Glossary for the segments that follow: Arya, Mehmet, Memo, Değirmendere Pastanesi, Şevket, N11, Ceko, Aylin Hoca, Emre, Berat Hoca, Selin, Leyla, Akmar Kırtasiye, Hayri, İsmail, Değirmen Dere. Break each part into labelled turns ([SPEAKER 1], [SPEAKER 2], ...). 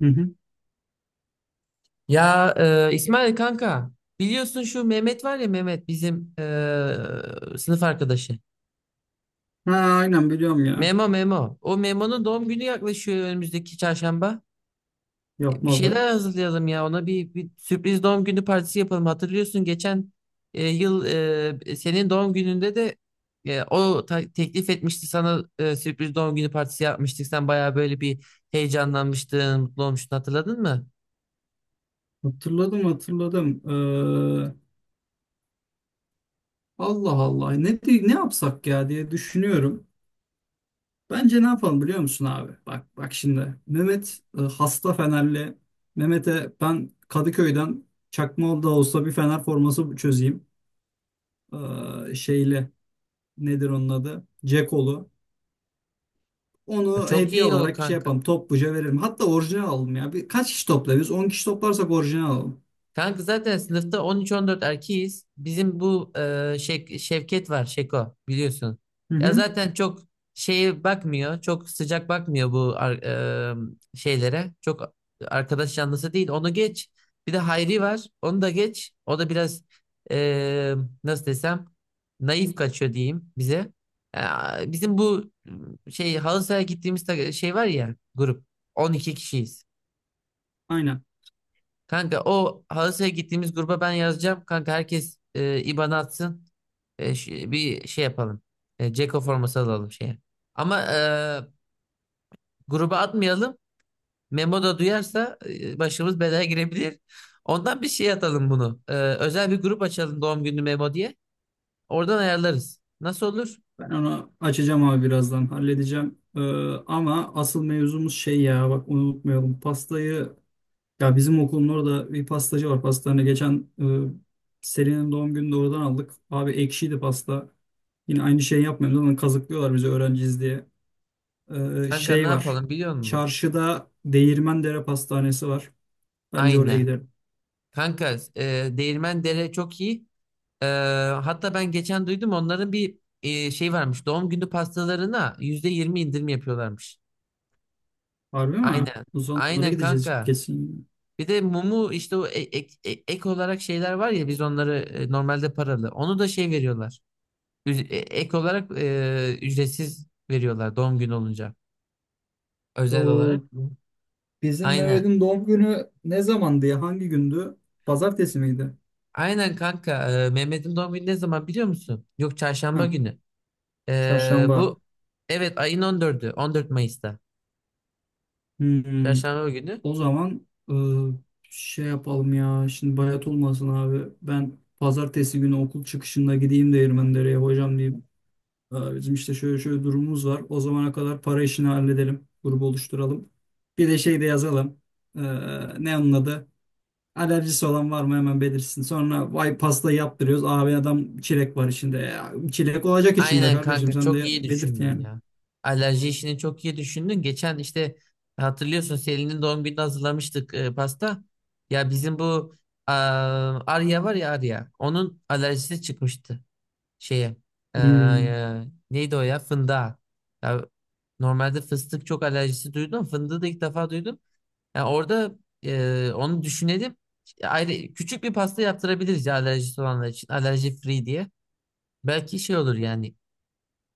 [SPEAKER 1] Hı hı.
[SPEAKER 2] Ya, İsmail kanka biliyorsun şu Mehmet var ya Mehmet bizim sınıf arkadaşı.
[SPEAKER 1] Ha, aynen biliyorum ya.
[SPEAKER 2] Memo Memo. O Memo'nun doğum günü yaklaşıyor önümüzdeki çarşamba. Bir
[SPEAKER 1] Yapma be.
[SPEAKER 2] şeyler hazırlayalım ya ona bir sürpriz doğum günü partisi yapalım. Hatırlıyorsun geçen yıl senin doğum gününde de o teklif etmişti sana sürpriz doğum günü partisi yapmıştık. Sen bayağı böyle bir heyecanlanmıştın, mutlu olmuştun hatırladın mı?
[SPEAKER 1] Hatırladım hatırladım. Allah Allah ne yapsak ya diye düşünüyorum. Bence ne yapalım biliyor musun abi? Bak bak şimdi Mehmet hasta Fenerli. Mehmet'e ben Kadıköy'den çakma da olsa bir Fener forması çözeyim. Şeyli nedir onun adı? Cekolu.
[SPEAKER 2] Ya,
[SPEAKER 1] Onu
[SPEAKER 2] çok
[SPEAKER 1] hediye
[SPEAKER 2] iyi o
[SPEAKER 1] olarak şey
[SPEAKER 2] kanka.
[SPEAKER 1] yapalım. Topluca veririm. Hatta orijinal alalım ya. Kaç kişi toplarız? 10 kişi toplarsak orijinal alalım.
[SPEAKER 2] Kanka zaten sınıfta 13-14 erkeğiz. Bizim bu Şevket var, Şeko biliyorsun.
[SPEAKER 1] Hı
[SPEAKER 2] Ya
[SPEAKER 1] hı.
[SPEAKER 2] zaten çok şeye bakmıyor, çok sıcak bakmıyor bu şeylere. Çok arkadaş canlısı değil. Onu geç. Bir de Hayri var. Onu da geç. O da biraz e, nasıl desem naif kaçıyor diyeyim bize. Ya bizim bu şey halı sahaya gittiğimiz şey var ya grup. 12 kişiyiz.
[SPEAKER 1] Aynen.
[SPEAKER 2] Kanka o halı sahaya gittiğimiz gruba ben yazacağım. Kanka herkes IBAN atsın. Bir şey yapalım. Ceko forması alalım şeye. Ama gruba atmayalım. Memo da duyarsa başımız belaya girebilir. Ondan bir şey atalım bunu. Özel bir grup açalım doğum günü Memo diye. Oradan ayarlarız. Nasıl olur?
[SPEAKER 1] Ben onu açacağım abi birazdan halledeceğim. Ama asıl mevzumuz şey ya, bak onu unutmayalım. Pastayı, ya bizim okulun orada bir pastacı var. Pastanı geçen Selin'in doğum gününde oradan aldık. Abi ekşiydi pasta. Yine aynı şeyi yapmıyoruz ama kazıklıyorlar bizi öğrenciyiz diye.
[SPEAKER 2] Kanka ne
[SPEAKER 1] Şey var.
[SPEAKER 2] yapalım biliyor musun?
[SPEAKER 1] Çarşıda Değirmendere Pastanesi var. Bence oraya
[SPEAKER 2] Aynen.
[SPEAKER 1] gidelim.
[SPEAKER 2] Kanka Değirmen Dere çok iyi. Ee, hatta ben geçen duydum onların bir şey varmış. Doğum günü pastalarına %20 indirim yapıyorlarmış.
[SPEAKER 1] Harbi mi?
[SPEAKER 2] Aynen.
[SPEAKER 1] O zaman onlara
[SPEAKER 2] Aynen
[SPEAKER 1] gideceğiz
[SPEAKER 2] kanka.
[SPEAKER 1] kesin.
[SPEAKER 2] Bir de mumu işte o e- ek, e- ek olarak şeyler var ya biz onları e, normalde paralı. Onu da şey veriyorlar. Üz- e- Ek olarak e, ücretsiz veriyorlar doğum günü olunca. Özel olarak.
[SPEAKER 1] Bizim
[SPEAKER 2] Aynen.
[SPEAKER 1] Mehmet'in doğum günü ne zamandı ya? Hangi gündü? Pazartesi miydi?
[SPEAKER 2] Aynen kanka. Mehmet'in doğum günü ne zaman biliyor musun? Yok, çarşamba
[SPEAKER 1] Ha,
[SPEAKER 2] günü. Ee,
[SPEAKER 1] çarşamba.
[SPEAKER 2] bu evet, ayın 14'ü, 14 Mayıs'ta.
[SPEAKER 1] Hmm.
[SPEAKER 2] Çarşamba günü.
[SPEAKER 1] O zaman şey yapalım ya. Şimdi bayat olmasın abi. Ben pazartesi günü okul çıkışında gideyim değirmenlere, hocam diyeyim. "Aa, bizim işte şöyle şöyle durumumuz var." O zamana kadar para işini halledelim. Grubu oluşturalım. Bir de şey de yazalım. Ee, Ne onun adı? Alerjisi olan var mı, hemen belirsin. Sonra vay pasta yaptırıyoruz. Abi, adam çilek var içinde. Ya, çilek olacak içinde
[SPEAKER 2] Aynen
[SPEAKER 1] kardeşim,
[SPEAKER 2] kanka,
[SPEAKER 1] sen
[SPEAKER 2] çok iyi
[SPEAKER 1] de belirt
[SPEAKER 2] düşündün
[SPEAKER 1] yani.
[SPEAKER 2] ya. Alerji işini çok iyi düşündün. Geçen işte hatırlıyorsun Selin'in doğum gününde hazırlamıştık pasta. Ya bizim bu a, Arya var ya Arya. Onun alerjisi çıkmıştı şeye. E,
[SPEAKER 1] Hmm.
[SPEAKER 2] e, neydi o ya? Fındığa. Ya, normalde fıstık çok alerjisi duydum. Fındığı da ilk defa duydum. Ya orada onu düşünelim. Ayrı küçük bir pasta yaptırabiliriz ya alerjisi olanlar için. Alerji free diye. Belki şey olur yani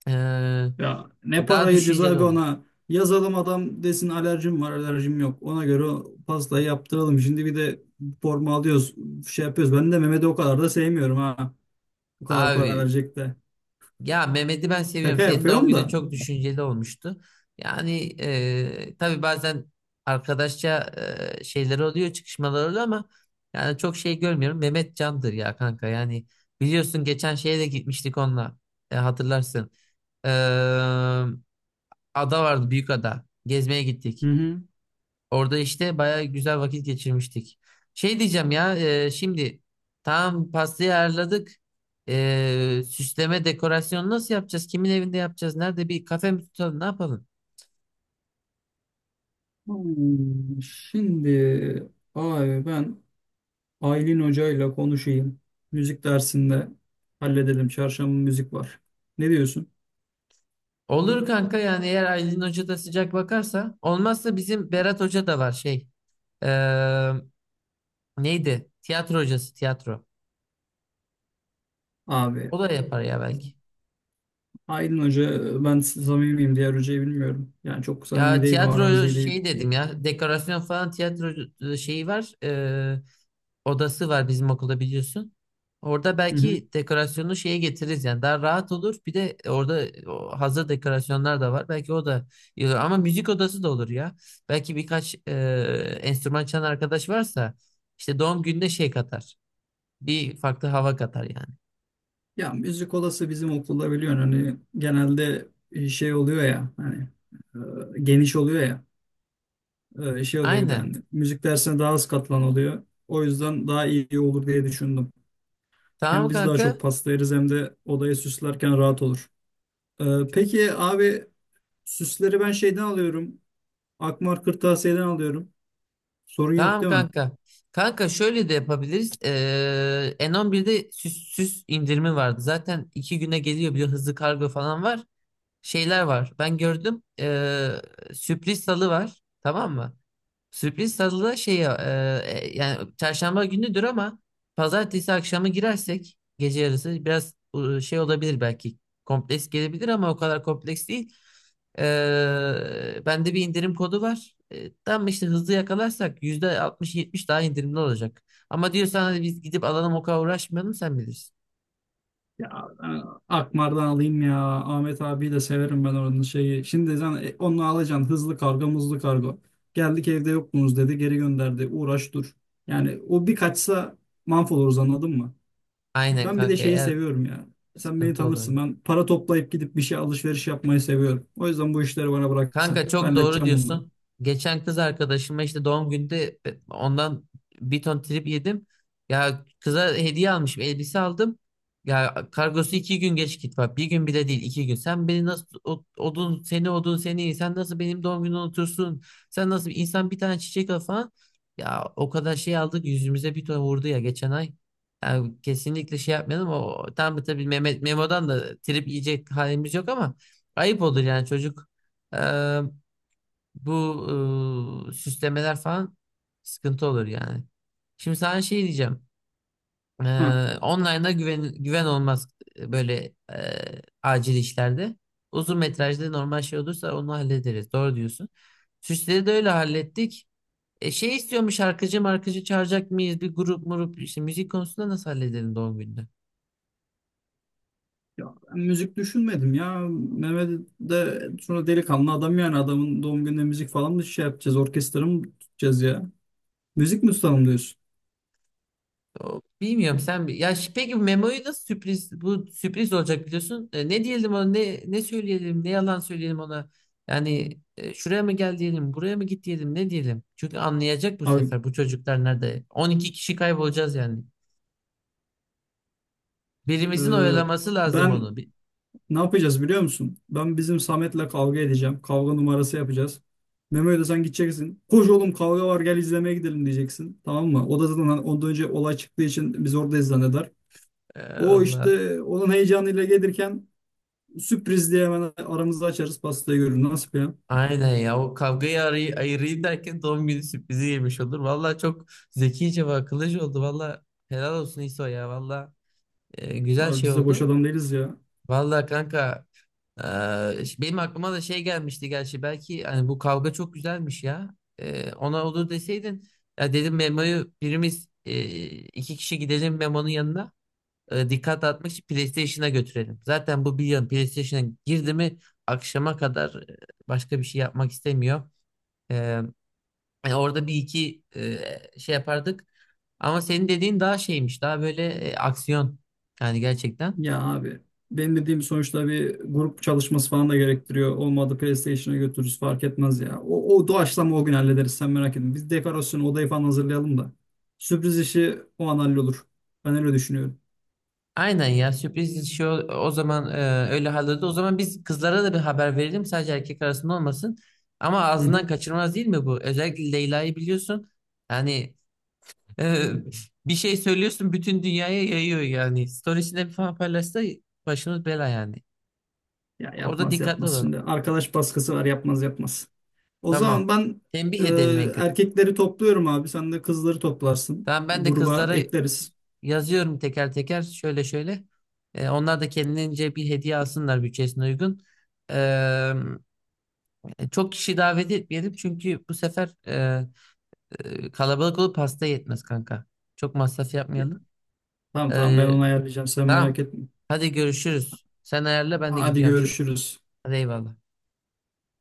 [SPEAKER 2] ee,
[SPEAKER 1] Ya ne
[SPEAKER 2] daha
[SPEAKER 1] parayı
[SPEAKER 2] düşünceli
[SPEAKER 1] cezaevi,
[SPEAKER 2] olur.
[SPEAKER 1] ona yazalım, adam desin alerjim var alerjim yok. Ona göre o pastayı yaptıralım. Şimdi bir de forma alıyoruz, şey yapıyoruz. Ben de Mehmet'i o kadar da sevmiyorum ha. Bu kadar
[SPEAKER 2] Abi
[SPEAKER 1] para verecek de.
[SPEAKER 2] ya Mehmet'i ben seviyorum.
[SPEAKER 1] Şaka
[SPEAKER 2] Senin doğum
[SPEAKER 1] yapıyorum
[SPEAKER 2] günün
[SPEAKER 1] da.
[SPEAKER 2] çok düşünceli olmuştu. Yani tabii bazen arkadaşça şeyler oluyor, çıkışmalar oluyor ama yani çok şey görmüyorum. Mehmet candır ya kanka. Yani biliyorsun geçen şeye de gitmiştik onunla. Hatırlarsın. Ee, ada vardı, büyük ada. Gezmeye
[SPEAKER 1] Hı
[SPEAKER 2] gittik.
[SPEAKER 1] hı.
[SPEAKER 2] Orada işte bayağı güzel vakit geçirmiştik. Şey diyeceğim ya şimdi tam pastayı ayarladık. Süsleme dekorasyon nasıl yapacağız? Kimin evinde yapacağız? Nerede bir kafe mi tutalım? Ne yapalım?
[SPEAKER 1] Şimdi abi ben Aylin hocayla konuşayım. Müzik dersinde halledelim. Çarşamba müzik var. Ne diyorsun?
[SPEAKER 2] Olur kanka, yani eğer Aylin Hoca da sıcak bakarsa. Olmazsa bizim Berat Hoca da var şey. e, neydi? Tiyatro hocası, tiyatro.
[SPEAKER 1] Abi,
[SPEAKER 2] O da yapar ya belki.
[SPEAKER 1] Aylin Hoca ben samimiyim. Diğer hocayı bilmiyorum. Yani çok samimi
[SPEAKER 2] Ya
[SPEAKER 1] değilim. Aramız
[SPEAKER 2] tiyatro
[SPEAKER 1] iyi değil.
[SPEAKER 2] şey dedim ya, dekorasyon falan tiyatro şeyi var. Odası var bizim okulda biliyorsun. Orada
[SPEAKER 1] Hı hı.
[SPEAKER 2] belki dekorasyonu şeye getiririz, yani daha rahat olur. Bir de orada o hazır dekorasyonlar da var. Belki o da iyi olur. Ama müzik odası da olur ya. Belki birkaç enstrüman çalan arkadaş varsa işte doğum gününe şey katar. Bir farklı hava katar yani.
[SPEAKER 1] Ya müzik odası, bizim okulda biliyorsun hani, genelde şey oluyor ya hani, geniş oluyor ya. Şey oluyor, bir de
[SPEAKER 2] Aynen.
[SPEAKER 1] hani müzik dersine daha az katlan oluyor. O yüzden daha iyi olur diye düşündüm. Hem
[SPEAKER 2] Tamam
[SPEAKER 1] biz daha
[SPEAKER 2] kanka.
[SPEAKER 1] çok paslayırız, hem de odayı süslerken rahat olur. Peki abi, süsleri ben şeyden alıyorum. Akmar Kırtasiye'den alıyorum. Sorun yok
[SPEAKER 2] Tamam
[SPEAKER 1] değil mi?
[SPEAKER 2] kanka. Kanka şöyle de yapabiliriz. N11'de süs indirimi vardı. Zaten 2 güne geliyor, bir de hızlı kargo falan var. Şeyler var. Ben gördüm. Sürpriz salı var. Tamam mı? Sürpriz salı da şey ya, yani çarşamba günüdür ama pazartesi akşamı girersek gece yarısı biraz şey olabilir belki. Kompleks gelebilir ama o kadar kompleks değil. Bende bir indirim kodu var. Tam işte hızlı yakalarsak %60 70 daha indirimli olacak. Ama diyorsan hadi biz gidip alalım, o kadar uğraşmayalım, sen bilirsin.
[SPEAKER 1] Ya ben Akmar'dan alayım ya. Ahmet abiyi de severim ben, oranın şeyi. Şimdi sen onunla alacaksın, hızlı kargo muzlu kargo. Geldik evde yoktunuz dedi, geri gönderdi. Uğraş dur. Yani o bir kaçsa mahvoluruz, anladın mı?
[SPEAKER 2] Aynen
[SPEAKER 1] Ben bir de
[SPEAKER 2] kanka,
[SPEAKER 1] şeyi
[SPEAKER 2] eğer
[SPEAKER 1] seviyorum ya. Sen beni
[SPEAKER 2] sıkıntı olur.
[SPEAKER 1] tanırsın. Ben para toplayıp gidip bir şey alışveriş yapmayı seviyorum. O yüzden bu işleri bana bıraksan,
[SPEAKER 2] Kanka
[SPEAKER 1] ben
[SPEAKER 2] çok doğru
[SPEAKER 1] halledeceğim bunları.
[SPEAKER 2] diyorsun. Geçen kız arkadaşıma işte doğum günde ondan bir ton trip yedim. Ya kıza hediye almışım, elbise aldım. Ya kargosu 2 gün geç git bak. Bir gün bile değil, 2 gün. Sen beni nasıl odun seni, odun seni, sen nasıl benim doğum günümü unutursun? Sen nasıl insan, bir tane çiçek al falan. Ya o kadar şey aldık, yüzümüze bir ton vurdu ya geçen ay. Yani kesinlikle şey yapmayalım. O tam tabii Mehmet Memo'dan da trip yiyecek halimiz yok ama ayıp olur yani, çocuk. Eee, bu süslemeler falan sıkıntı olur yani. Şimdi sana şey diyeceğim. Online'da güven olmaz böyle acil işlerde. Uzun metrajda normal şey olursa onu hallederiz. Doğru diyorsun. Süsleri de öyle hallettik. Şey istiyormuş, şarkıcı markıcı çağıracak mıyız? Bir grup murup işte müzik konusunda nasıl halledelim doğum gününü?
[SPEAKER 1] Ya ben müzik düşünmedim ya. Mehmet de sonra delikanlı adam, yani adamın doğum gününe müzik falan mı şey yapacağız, orkestra mı tutacağız ya? Müzik mi tutalım diyorsun?
[SPEAKER 2] Bilmiyorum, sen peki bu memoyu nasıl sürpriz, bu sürpriz olacak biliyorsun. Ne diyelim ona, ne söyleyelim, ne yalan söyleyelim ona. Yani şuraya mı gel diyelim, buraya mı git diyelim, ne diyelim? Çünkü anlayacak bu
[SPEAKER 1] Abi
[SPEAKER 2] sefer, bu çocuklar nerede. 12 kişi kaybolacağız yani.
[SPEAKER 1] e,
[SPEAKER 2] Birimizin oyalaması lazım
[SPEAKER 1] ben
[SPEAKER 2] onu.
[SPEAKER 1] ne yapacağız biliyor musun? Ben bizim Samet'le kavga edeceğim. Kavga numarası yapacağız. Memo'ya da sen gideceksin. Koş oğlum kavga var, gel izlemeye gidelim, diyeceksin. Tamam mı? O da zaten hani ondan önce olay çıktığı için biz oradayız zanneder.
[SPEAKER 2] E,
[SPEAKER 1] O
[SPEAKER 2] Allah.
[SPEAKER 1] işte onun heyecanıyla gelirken, sürpriz diye hemen aramızda açarız, pastayı görür. Nasıl ya?
[SPEAKER 2] Aynen ya, o kavgayı ayırayım derken doğum günü sürprizi yemiş olur. Vallahi çok zekice ve akıllıca oldu. Vallahi helal olsun İso ya. Vallahi güzel
[SPEAKER 1] Abi
[SPEAKER 2] şey
[SPEAKER 1] biz de boş
[SPEAKER 2] oldu.
[SPEAKER 1] adam değiliz ya.
[SPEAKER 2] Vallahi kanka, benim aklıma da şey gelmişti gerçi, belki hani bu kavga çok güzelmiş ya. Ona olur deseydin, ya dedim Memo'yu birimiz iki kişi gidelim Memo'nun yanına. Dikkat dağıtmak için PlayStation'a götürelim. Zaten bu bir yan PlayStation'a girdi mi akşama kadar başka bir şey yapmak istemiyor. Orada bir iki şey yapardık. Ama senin dediğin daha şeymiş. Daha böyle aksiyon. Yani gerçekten.
[SPEAKER 1] Ya abi, benim dediğim sonuçta bir grup çalışması falan da gerektiriyor. Olmadı PlayStation'a götürürüz, fark etmez ya. O doğaçlama o gün hallederiz, sen merak etme. Biz dekorasyonu, odayı falan hazırlayalım da. Sürpriz işi o an hallolur. Ben öyle düşünüyorum.
[SPEAKER 2] Aynen ya sürpriz şey, o zaman öyle halloldu. O zaman biz kızlara da bir haber verelim. Sadece erkek arasında olmasın. Ama
[SPEAKER 1] Hı
[SPEAKER 2] ağzından
[SPEAKER 1] hı.
[SPEAKER 2] kaçırmaz değil mi bu? Özellikle Leyla'yı biliyorsun. Yani Ee, bir şey söylüyorsun bütün dünyaya yayıyor yani. Storiesinde falan paylaşsa başımız bela yani.
[SPEAKER 1] Ya
[SPEAKER 2] Orada
[SPEAKER 1] yapmaz
[SPEAKER 2] dikkatli
[SPEAKER 1] yapmaz.
[SPEAKER 2] olalım.
[SPEAKER 1] Şimdi arkadaş baskısı var, yapmaz yapmaz. O
[SPEAKER 2] Tamam.
[SPEAKER 1] zaman ben
[SPEAKER 2] Tembih
[SPEAKER 1] e,
[SPEAKER 2] edelim en kötü.
[SPEAKER 1] erkekleri topluyorum abi. Sen de kızları toplarsın.
[SPEAKER 2] Tamam, ben de
[SPEAKER 1] Gruba
[SPEAKER 2] kızlara
[SPEAKER 1] ekleriz.
[SPEAKER 2] yazıyorum teker teker, şöyle şöyle. Onlar da kendince bir hediye alsınlar bütçesine uygun. Ee, çok kişi davet etmeyelim çünkü bu sefer kalabalık olup hasta yetmez kanka. Çok masraf
[SPEAKER 1] Ya,
[SPEAKER 2] yapmayalım.
[SPEAKER 1] tamam tamam, ben
[SPEAKER 2] Ee,
[SPEAKER 1] onu ayarlayacağım, sen merak
[SPEAKER 2] tamam.
[SPEAKER 1] etme.
[SPEAKER 2] Hadi görüşürüz. Sen ayarla, ben de
[SPEAKER 1] Hadi
[SPEAKER 2] gidiyorum şey.
[SPEAKER 1] görüşürüz.
[SPEAKER 2] Hadi eyvallah.